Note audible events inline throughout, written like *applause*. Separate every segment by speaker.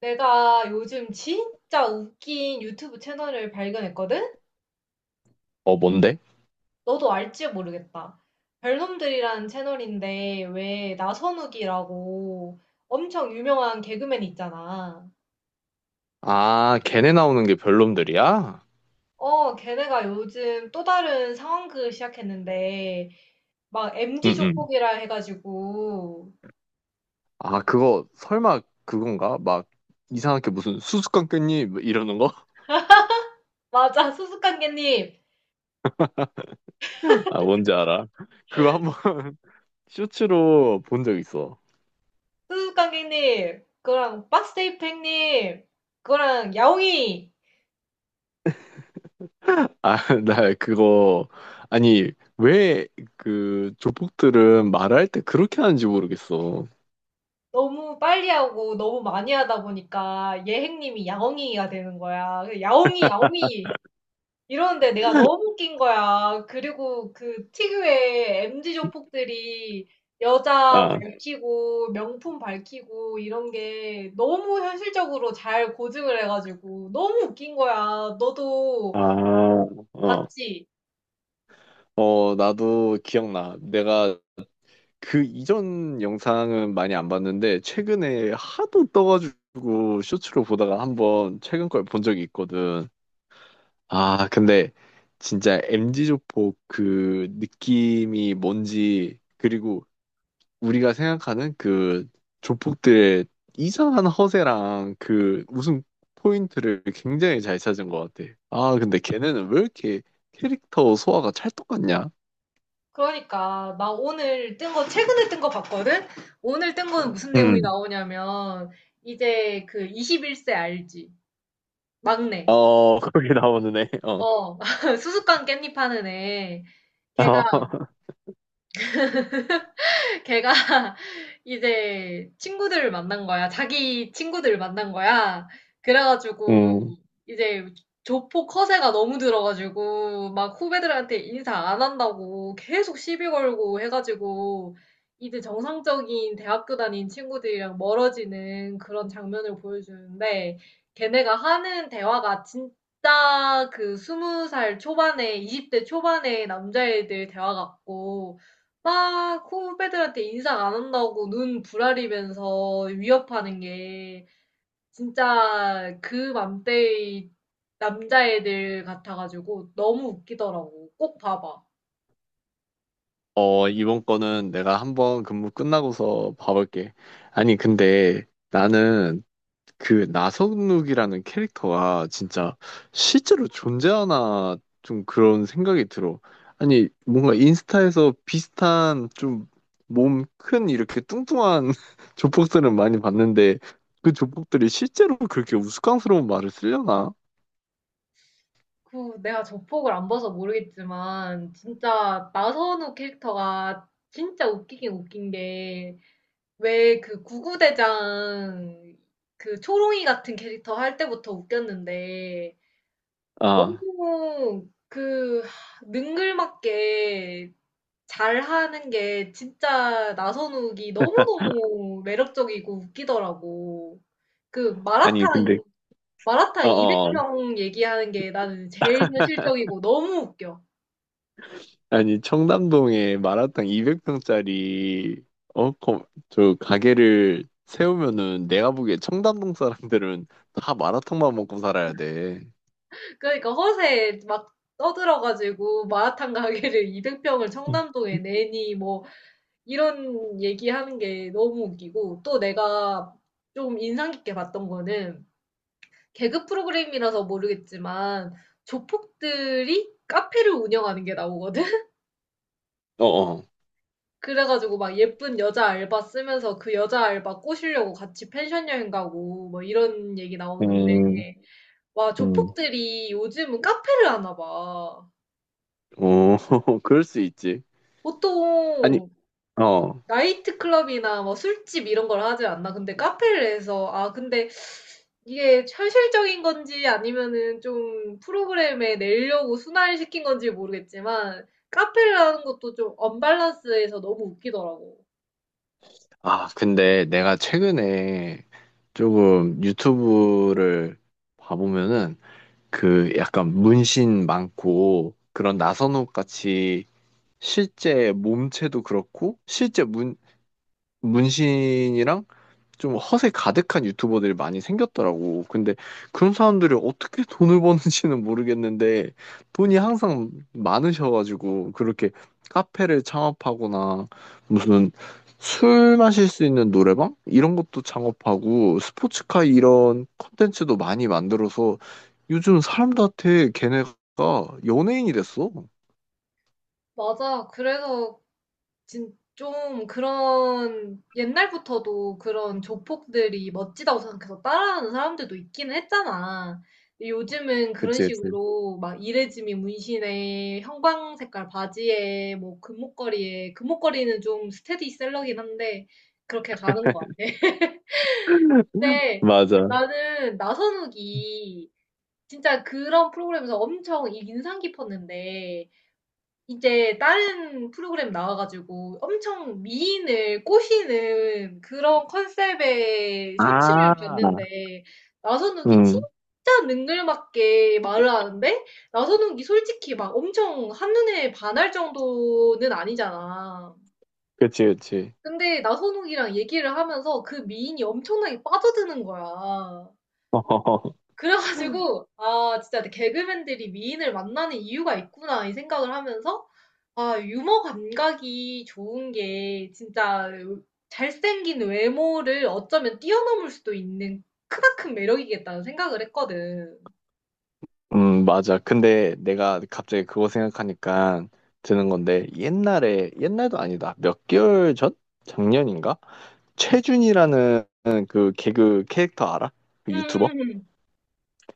Speaker 1: 내가 요즘 진짜 웃긴 유튜브 채널을 발견했거든?
Speaker 2: 어, 뭔데?
Speaker 1: 너도 알지 모르겠다. 별놈들이라는 채널인데 왜 나선욱이라고 엄청 유명한 개그맨 있잖아.
Speaker 2: 아, 걔네 나오는 게 별놈들이야?
Speaker 1: 어, 걔네가 요즘 또 다른 상황극을 시작했는데 막 MG
Speaker 2: 응응.
Speaker 1: 조폭이라 해가지고.
Speaker 2: 아, 그거 설마 그건가? 막 이상하게 무슨 수수깡 깻잎 뭐 이러는 거?
Speaker 1: 맞아. 수수깡개님,
Speaker 2: *laughs* 아, 뭔지 알아. 그거 한번 *laughs* 쇼츠로 본 적 있어.
Speaker 1: 수수깡개님, 그거랑 박스테이프행님, 그거랑 야옹이.
Speaker 2: 아, *laughs* 나 그거 아니 왜 그 조폭들은 말할 때 그렇게 하는지 모르겠어.
Speaker 1: 너무 빨리 하고 너무 많이 하다 보니까 예행님이 야옹이가 되는 거야. 그래서 야옹이, 야옹이 이러는데 내가 너무 웃긴 거야. 그리고 그 특유의 MZ 조폭들이 여자
Speaker 2: 아,
Speaker 1: 밝히고 명품 밝히고 이런 게 너무 현실적으로 잘 고증을 해가지고 너무 웃긴 거야. 너도
Speaker 2: 어,
Speaker 1: 봤지?
Speaker 2: 나도 기억나. 내가 그 이전 영상은 많이 안 봤는데 최근에 하도 떠가지고 쇼츠로 보다가 한번 최근 걸 본 적이 있거든. 아, 근데 진짜 MG 조폭 그 느낌이 뭔지, 그리고 우리가 생각하는 그 조폭들의 이상한 허세랑 그 웃음 포인트를 굉장히 잘 찾은 것 같아. 아, 근데 걔네는 왜 이렇게 캐릭터 소화가 찰떡 같냐?
Speaker 1: 그러니까 나 오늘 뜬 거 최근에 뜬 거 봤거든? 오늘 뜬 거는 무슨 내용이
Speaker 2: 음.
Speaker 1: 나오냐면 이제 그 21세 알지? 막내.
Speaker 2: 어, *laughs* 거기 나오는 애. 어.
Speaker 1: 어. *laughs* 수수깡 깻잎 하는 애.
Speaker 2: *laughs* 어.
Speaker 1: 걔가 *laughs* 걔가 *laughs* 이제 친구들을 만난 거야. 자기 친구들을 만난 거야. 그래가지고
Speaker 2: 음.
Speaker 1: 이제 조폭 허세가 너무 들어가지고 막 후배들한테 인사 안 한다고 계속 시비 걸고 해가지고 이제 정상적인 대학교 다닌 친구들이랑 멀어지는 그런 장면을 보여주는데, 걔네가 하는 대화가 진짜 그 20살 초반에 20대 초반의 남자애들 대화 같고 막 후배들한테 인사 안 한다고 눈 부라리면서 위협하는 게 진짜 그 맘때의 남자애들 같아가지고 너무 웃기더라고. 꼭 봐봐.
Speaker 2: 어, 이번 거는 내가 한번 근무 끝나고서 봐볼게. 아니, 근데 나는 그 나성욱이라는 캐릭터가 진짜 실제로 존재하나 좀 그런 생각이 들어. 아니, 뭔가 인스타에서 비슷한 좀 몸 큰 이렇게 뚱뚱한 *laughs* 조폭들은 많이 봤는데 그 조폭들이 실제로 그렇게 우스꽝스러운 말을 쓰려나?
Speaker 1: 그 내가 저폭을 안 봐서 모르겠지만 진짜 나선우 캐릭터가 진짜 웃기긴 웃긴 게, 왜 그 구구대장, 그 초롱이 같은 캐릭터 할 때부터 웃겼는데
Speaker 2: 아,
Speaker 1: 너무 그 능글맞게 잘하는 게, 진짜 나선욱이 너무너무 매력적이고 웃기더라고. 그
Speaker 2: 아니, 근데,
Speaker 1: 마라탕
Speaker 2: 어어.
Speaker 1: 200평 얘기하는 게 나는 제일 현실적이고 너무 웃겨.
Speaker 2: 아니, 청담동에 마라탕 200평짜리, 가게를 세우면은 내가 보기에 청담동 사람들은 다 마라탕만 먹고 살아야 돼.
Speaker 1: 그러니까 허세 막 떠들어가지고 마라탕 가게를 *laughs* 200평을
Speaker 2: 음,
Speaker 1: 청담동에 내니 뭐 이런 얘기하는 게 너무 웃기고, 또 내가 좀 인상 깊게 봤던 거는, 개그 프로그램이라서 모르겠지만 조폭들이 카페를 운영하는 게 나오거든? *laughs*
Speaker 2: 어, 어.
Speaker 1: 그래가지고 막 예쁜 여자 알바 쓰면서 그 여자 알바 꼬시려고 같이 펜션 여행 가고 뭐 이런 얘기 나오는데,
Speaker 2: 음,
Speaker 1: 와,
Speaker 2: 음,
Speaker 1: 조폭들이 요즘은 카페를 하나 봐.
Speaker 2: 어, *laughs* 그럴 수 있지. 아니,
Speaker 1: 보통
Speaker 2: 어.
Speaker 1: 나이트클럽이나 뭐 술집 이런 걸 하지 않나? 근데 카페를 해서, 아, 근데 이게 현실적인 건지 아니면은 좀 프로그램에 내려고 순환시킨 건지 모르겠지만, 카페를 하는 것도 좀 언밸런스해서 너무 웃기더라고.
Speaker 2: 아, 근데 내가 최근에 조금 유튜브를 봐보면은 그 약간 문신 많고 그런 나선호 같이 실제 몸체도 그렇고 실제 문 문신이랑 좀 허세 가득한 유튜버들이 많이 생겼더라고. 근데 그런 사람들이 어떻게 돈을 버는지는 모르겠는데 돈이 항상 많으셔가지고 그렇게 카페를 창업하거나 무슨 술 마실 수 있는 노래방 이런 것도 창업하고 스포츠카 이런 콘텐츠도 많이 만들어서 요즘 사람들한테 걔네가 연예인이 됐어.
Speaker 1: 맞아. 그래서 진 좀, 그런 옛날부터도 그런 조폭들이 멋지다고 생각해서 따라하는 사람들도 있기는 했잖아. 근데 요즘은 그런
Speaker 2: 그치, 그치.
Speaker 1: 식으로 막 이레즈미 문신에 형광 색깔 바지에 뭐 금목걸이에, 금목걸이는 좀 스테디셀러긴 한데, 그렇게 가는 것 같아. *laughs*
Speaker 2: *laughs*
Speaker 1: 근데
Speaker 2: 맞아.
Speaker 1: 나는 나선욱이 진짜 그런 프로그램에서 엄청 인상 깊었는데, 이제 다른 프로그램 나와 가지고 엄청 미인을 꼬시는 그런 컨셉의 쇼츠를
Speaker 2: 아,
Speaker 1: 봤는데, 나선욱이
Speaker 2: 음,
Speaker 1: 진짜 능글맞게 말을 하는데, 나선욱이 솔직히 막 엄청 한눈에 반할 정도는 아니잖아.
Speaker 2: 그치, 그치.
Speaker 1: 근데 나선욱이랑 얘기를 하면서 그 미인이 엄청나게 빠져드는 거야.
Speaker 2: *laughs*
Speaker 1: 그래가지고, 아, 진짜 개그맨들이 미인을 만나는 이유가 있구나 이 생각을 하면서, 아, 유머 감각이 좋은 게 진짜 잘생긴 외모를 어쩌면 뛰어넘을 수도 있는 크나큰 매력이겠다는 생각을 했거든.
Speaker 2: 맞아. 근데 내가 갑자기 그거 생각하니까 드는 건데, 옛날에, 옛날도 아니다. 몇 개월 전? 작년인가? 최준이라는 그 개그 캐릭터 알아? 그 유튜버?
Speaker 1: 음음음.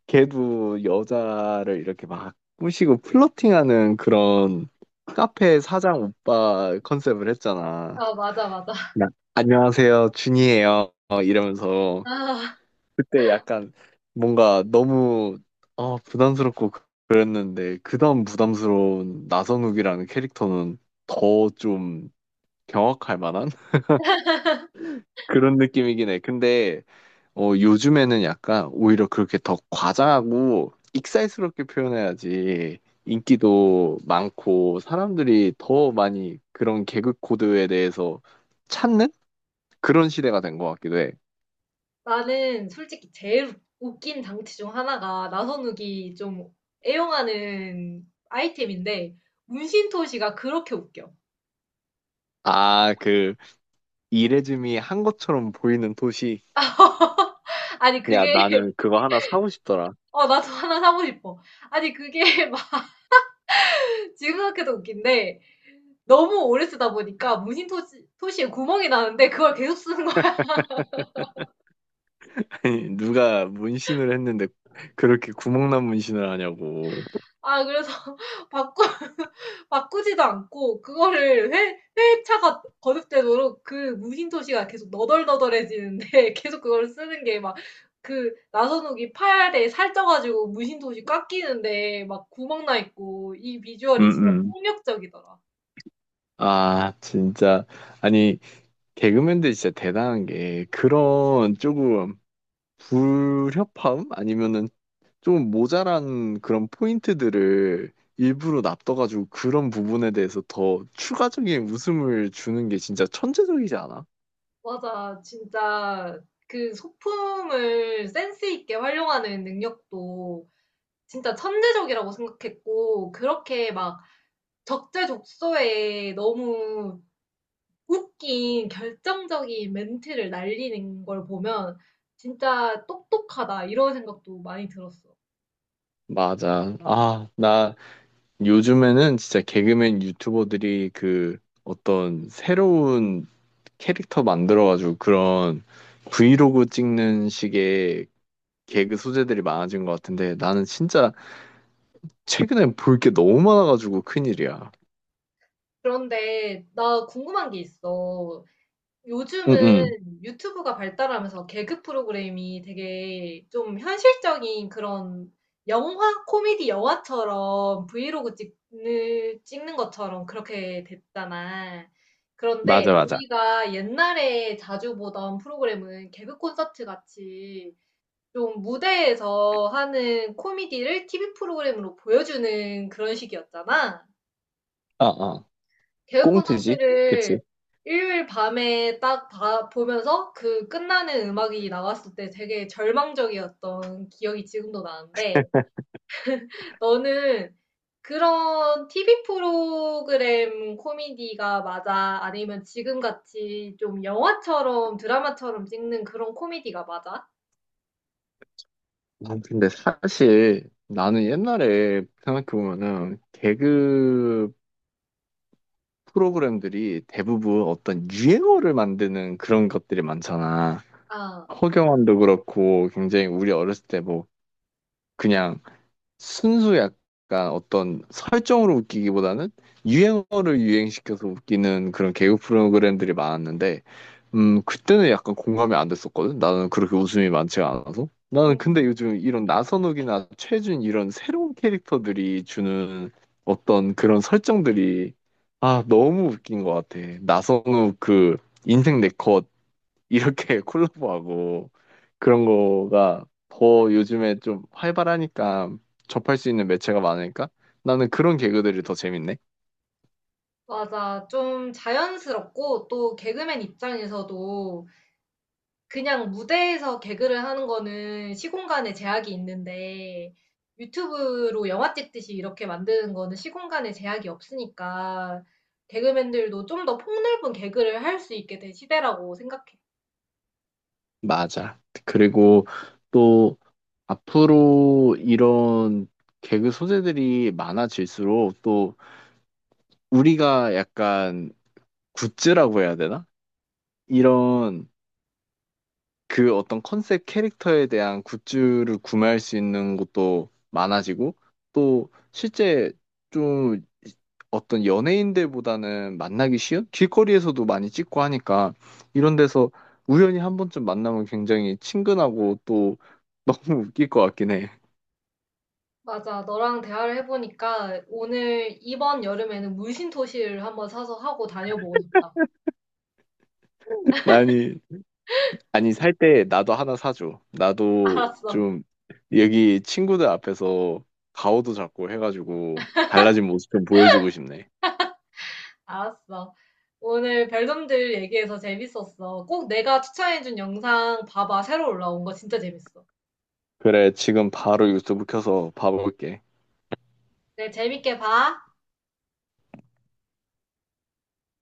Speaker 2: 걔도 여자를 이렇게 막 꼬시고 플러팅하는 그런 카페 사장 오빠 컨셉을 했잖아.
Speaker 1: 아, 맞아, 맞아.
Speaker 2: 나- 안녕하세요, 준이에요. 어, 이러면서.
Speaker 1: 아,
Speaker 2: 그때 약간 뭔가 너무 부담스럽고 그랬는데 그다음 부담스러운 나선욱이라는 캐릭터는 더 좀 경악할 만한 *laughs* 그런 느낌이긴 해. 근데 요즘에는 약간 오히려 그렇게 더 과장하고 익살스럽게 표현해야지 인기도 많고 사람들이 더 많이 그런 개그 코드에 대해서 찾는 그런 시대가 된 것 같기도 해.
Speaker 1: 나는 솔직히 제일 웃긴 장치 중 하나가 나선욱이 좀 애용하는 아이템인데, 문신토시가 그렇게 웃겨.
Speaker 2: 아, 그 이레즈미 한 것처럼 보이는.
Speaker 1: 아니 그게
Speaker 2: 야, 나는
Speaker 1: *laughs*
Speaker 2: 그거 하나 사고 싶더라.
Speaker 1: 어, 나도 하나 사고 싶어. 아니 그게 *laughs* 막 지금 생각해도 웃긴데, 너무 오래 쓰다 보니까 문신 토시에 구멍이 나는데 그걸 계속 쓰는 거야.
Speaker 2: *laughs* 아니, 누가 문신을 했는데 그렇게 구멍난 문신을 하냐고.
Speaker 1: 아, 그래서 *laughs* 바꾸, 바꾸지도 않고 그거를 회차가 거듭되도록 그 문신 토시가 계속 너덜너덜해지는데 *laughs* 계속 그걸 쓰는 게 막, 그 나선욱이 팔에 살쪄가지고 문신 토시 꽉 끼는데 막 구멍 나 있고, 이 비주얼이 진짜
Speaker 2: 응응.
Speaker 1: 폭력적이더라.
Speaker 2: 아, 진짜. 아니, 개그맨들 진짜 대단한 게 그런 조금 불협화음? 아니면은 좀 모자란 그런 포인트들을 일부러 놔둬가지고 그런 부분에 대해서 더 추가적인 웃음을 주는 게 진짜 천재적이지 않아?
Speaker 1: 맞아. 진짜 그 소품을 센스 있게 활용하는 능력도 진짜 천재적이라고 생각했고, 그렇게 막 적재적소에 너무 웃긴 결정적인 멘트를 날리는 걸 보면 진짜 똑똑하다 이런 생각도 많이 들었어.
Speaker 2: 맞아. 아, 나 요즘에는 진짜 개그맨 유튜버들이 그 어떤 새로운 캐릭터 만들어가지고 그런 브이로그 찍는 식의 개그 소재들이 많아진 것 같은데 나는 진짜 최근에 볼 게 너무 많아가지고 큰일이야.
Speaker 1: 그런데 나 궁금한 게 있어.
Speaker 2: 응응.
Speaker 1: 요즘은 유튜브가 발달하면서 개그 프로그램이 되게 좀 현실적인 그런 영화, 코미디 영화처럼 브이로그 찍는 것처럼 그렇게 됐잖아.
Speaker 2: 맞아,
Speaker 1: 그런데
Speaker 2: 맞아.
Speaker 1: 우리가 옛날에 자주 보던 프로그램은 개그 콘서트 같이 좀 무대에서 하는 코미디를 TV 프로그램으로 보여주는 그런 식이었잖아.
Speaker 2: 아, 아.
Speaker 1: 개그
Speaker 2: 꽁트지?
Speaker 1: 콘서트를
Speaker 2: 그치?
Speaker 1: 일요일 밤에 딱 보면서 그 끝나는 음악이 나왔을 때 되게 절망적이었던 기억이 지금도 나는데, 너는 그런 TV 프로그램 코미디가 맞아? 아니면 지금같이 좀 영화처럼 드라마처럼 찍는 그런 코미디가 맞아?
Speaker 2: 난 근데 사실 나는 옛날에 생각해보면은 개그 프로그램들이 대부분 어떤 유행어를 만드는 그런 것들이 많잖아.
Speaker 1: 아,
Speaker 2: 허경환도 그렇고 굉장히 우리 어렸을 때 뭐 그냥 순수 약간 어떤 설정으로 웃기기보다는 유행어를 유행시켜서 웃기는 그런 개그 프로그램들이 많았는데 그때는 약간 공감이 안 됐었거든. 나는 그렇게 웃음이 많지가 않아서. 나는 근데
Speaker 1: 음,
Speaker 2: 요즘 이런 나선욱이나 최준 이런 새로운 캐릭터들이 주는 어떤 그런 설정들이 아 너무 웃긴 것 같아. 나선욱 그 인생 내 컷 이렇게 *laughs* 콜라보하고 그런 거가 더 요즘에 좀 활발하니까 접할 수 있는 매체가 많으니까 나는 그런 개그들이 더 재밌네.
Speaker 1: 맞아. 좀 자연스럽고 또 개그맨 입장에서도 그냥 무대에서 개그를 하는 거는 시공간의 제약이 있는데, 유튜브로 영화 찍듯이 이렇게 만드는 거는 시공간의 제약이 없으니까, 개그맨들도 좀 더 폭넓은 개그를 할 수 있게 된 시대라고 생각해.
Speaker 2: 맞아. 그리고 또 앞으로 이런 개그 소재들이 많아질수록 또 우리가 약간 굿즈라고 해야 되나? 이런 그 어떤 컨셉 캐릭터에 대한 굿즈를 구매할 수 있는 곳도 많아지고 또 실제 좀 어떤 연예인들보다는 만나기 쉬운 길거리에서도 많이 찍고 하니까 이런 데서 우연히 한 번쯤 만나면 굉장히 친근하고 또 너무 웃길 것 같긴 해.
Speaker 1: 맞아. 너랑 대화를 해보니까 오늘, 이번 여름에는 물심토시를 한번 사서 하고 다녀보고 싶다.
Speaker 2: *laughs* 아니, 아니 살 때 나도 하나 사줘.
Speaker 1: *laughs*
Speaker 2: 나도
Speaker 1: 알았어.
Speaker 2: 좀 여기 친구들 앞에서 가오도 잡고 해가지고 달라진 모습 좀 보여주고 싶네.
Speaker 1: 알았어. 오늘 별놈들 얘기해서 재밌었어. 꼭 내가 추천해준 영상 봐봐. 새로 올라온 거 진짜 재밌어.
Speaker 2: 그래, 지금 바로 유튜브 켜서 봐볼게.
Speaker 1: 그래, 재밌게 봐.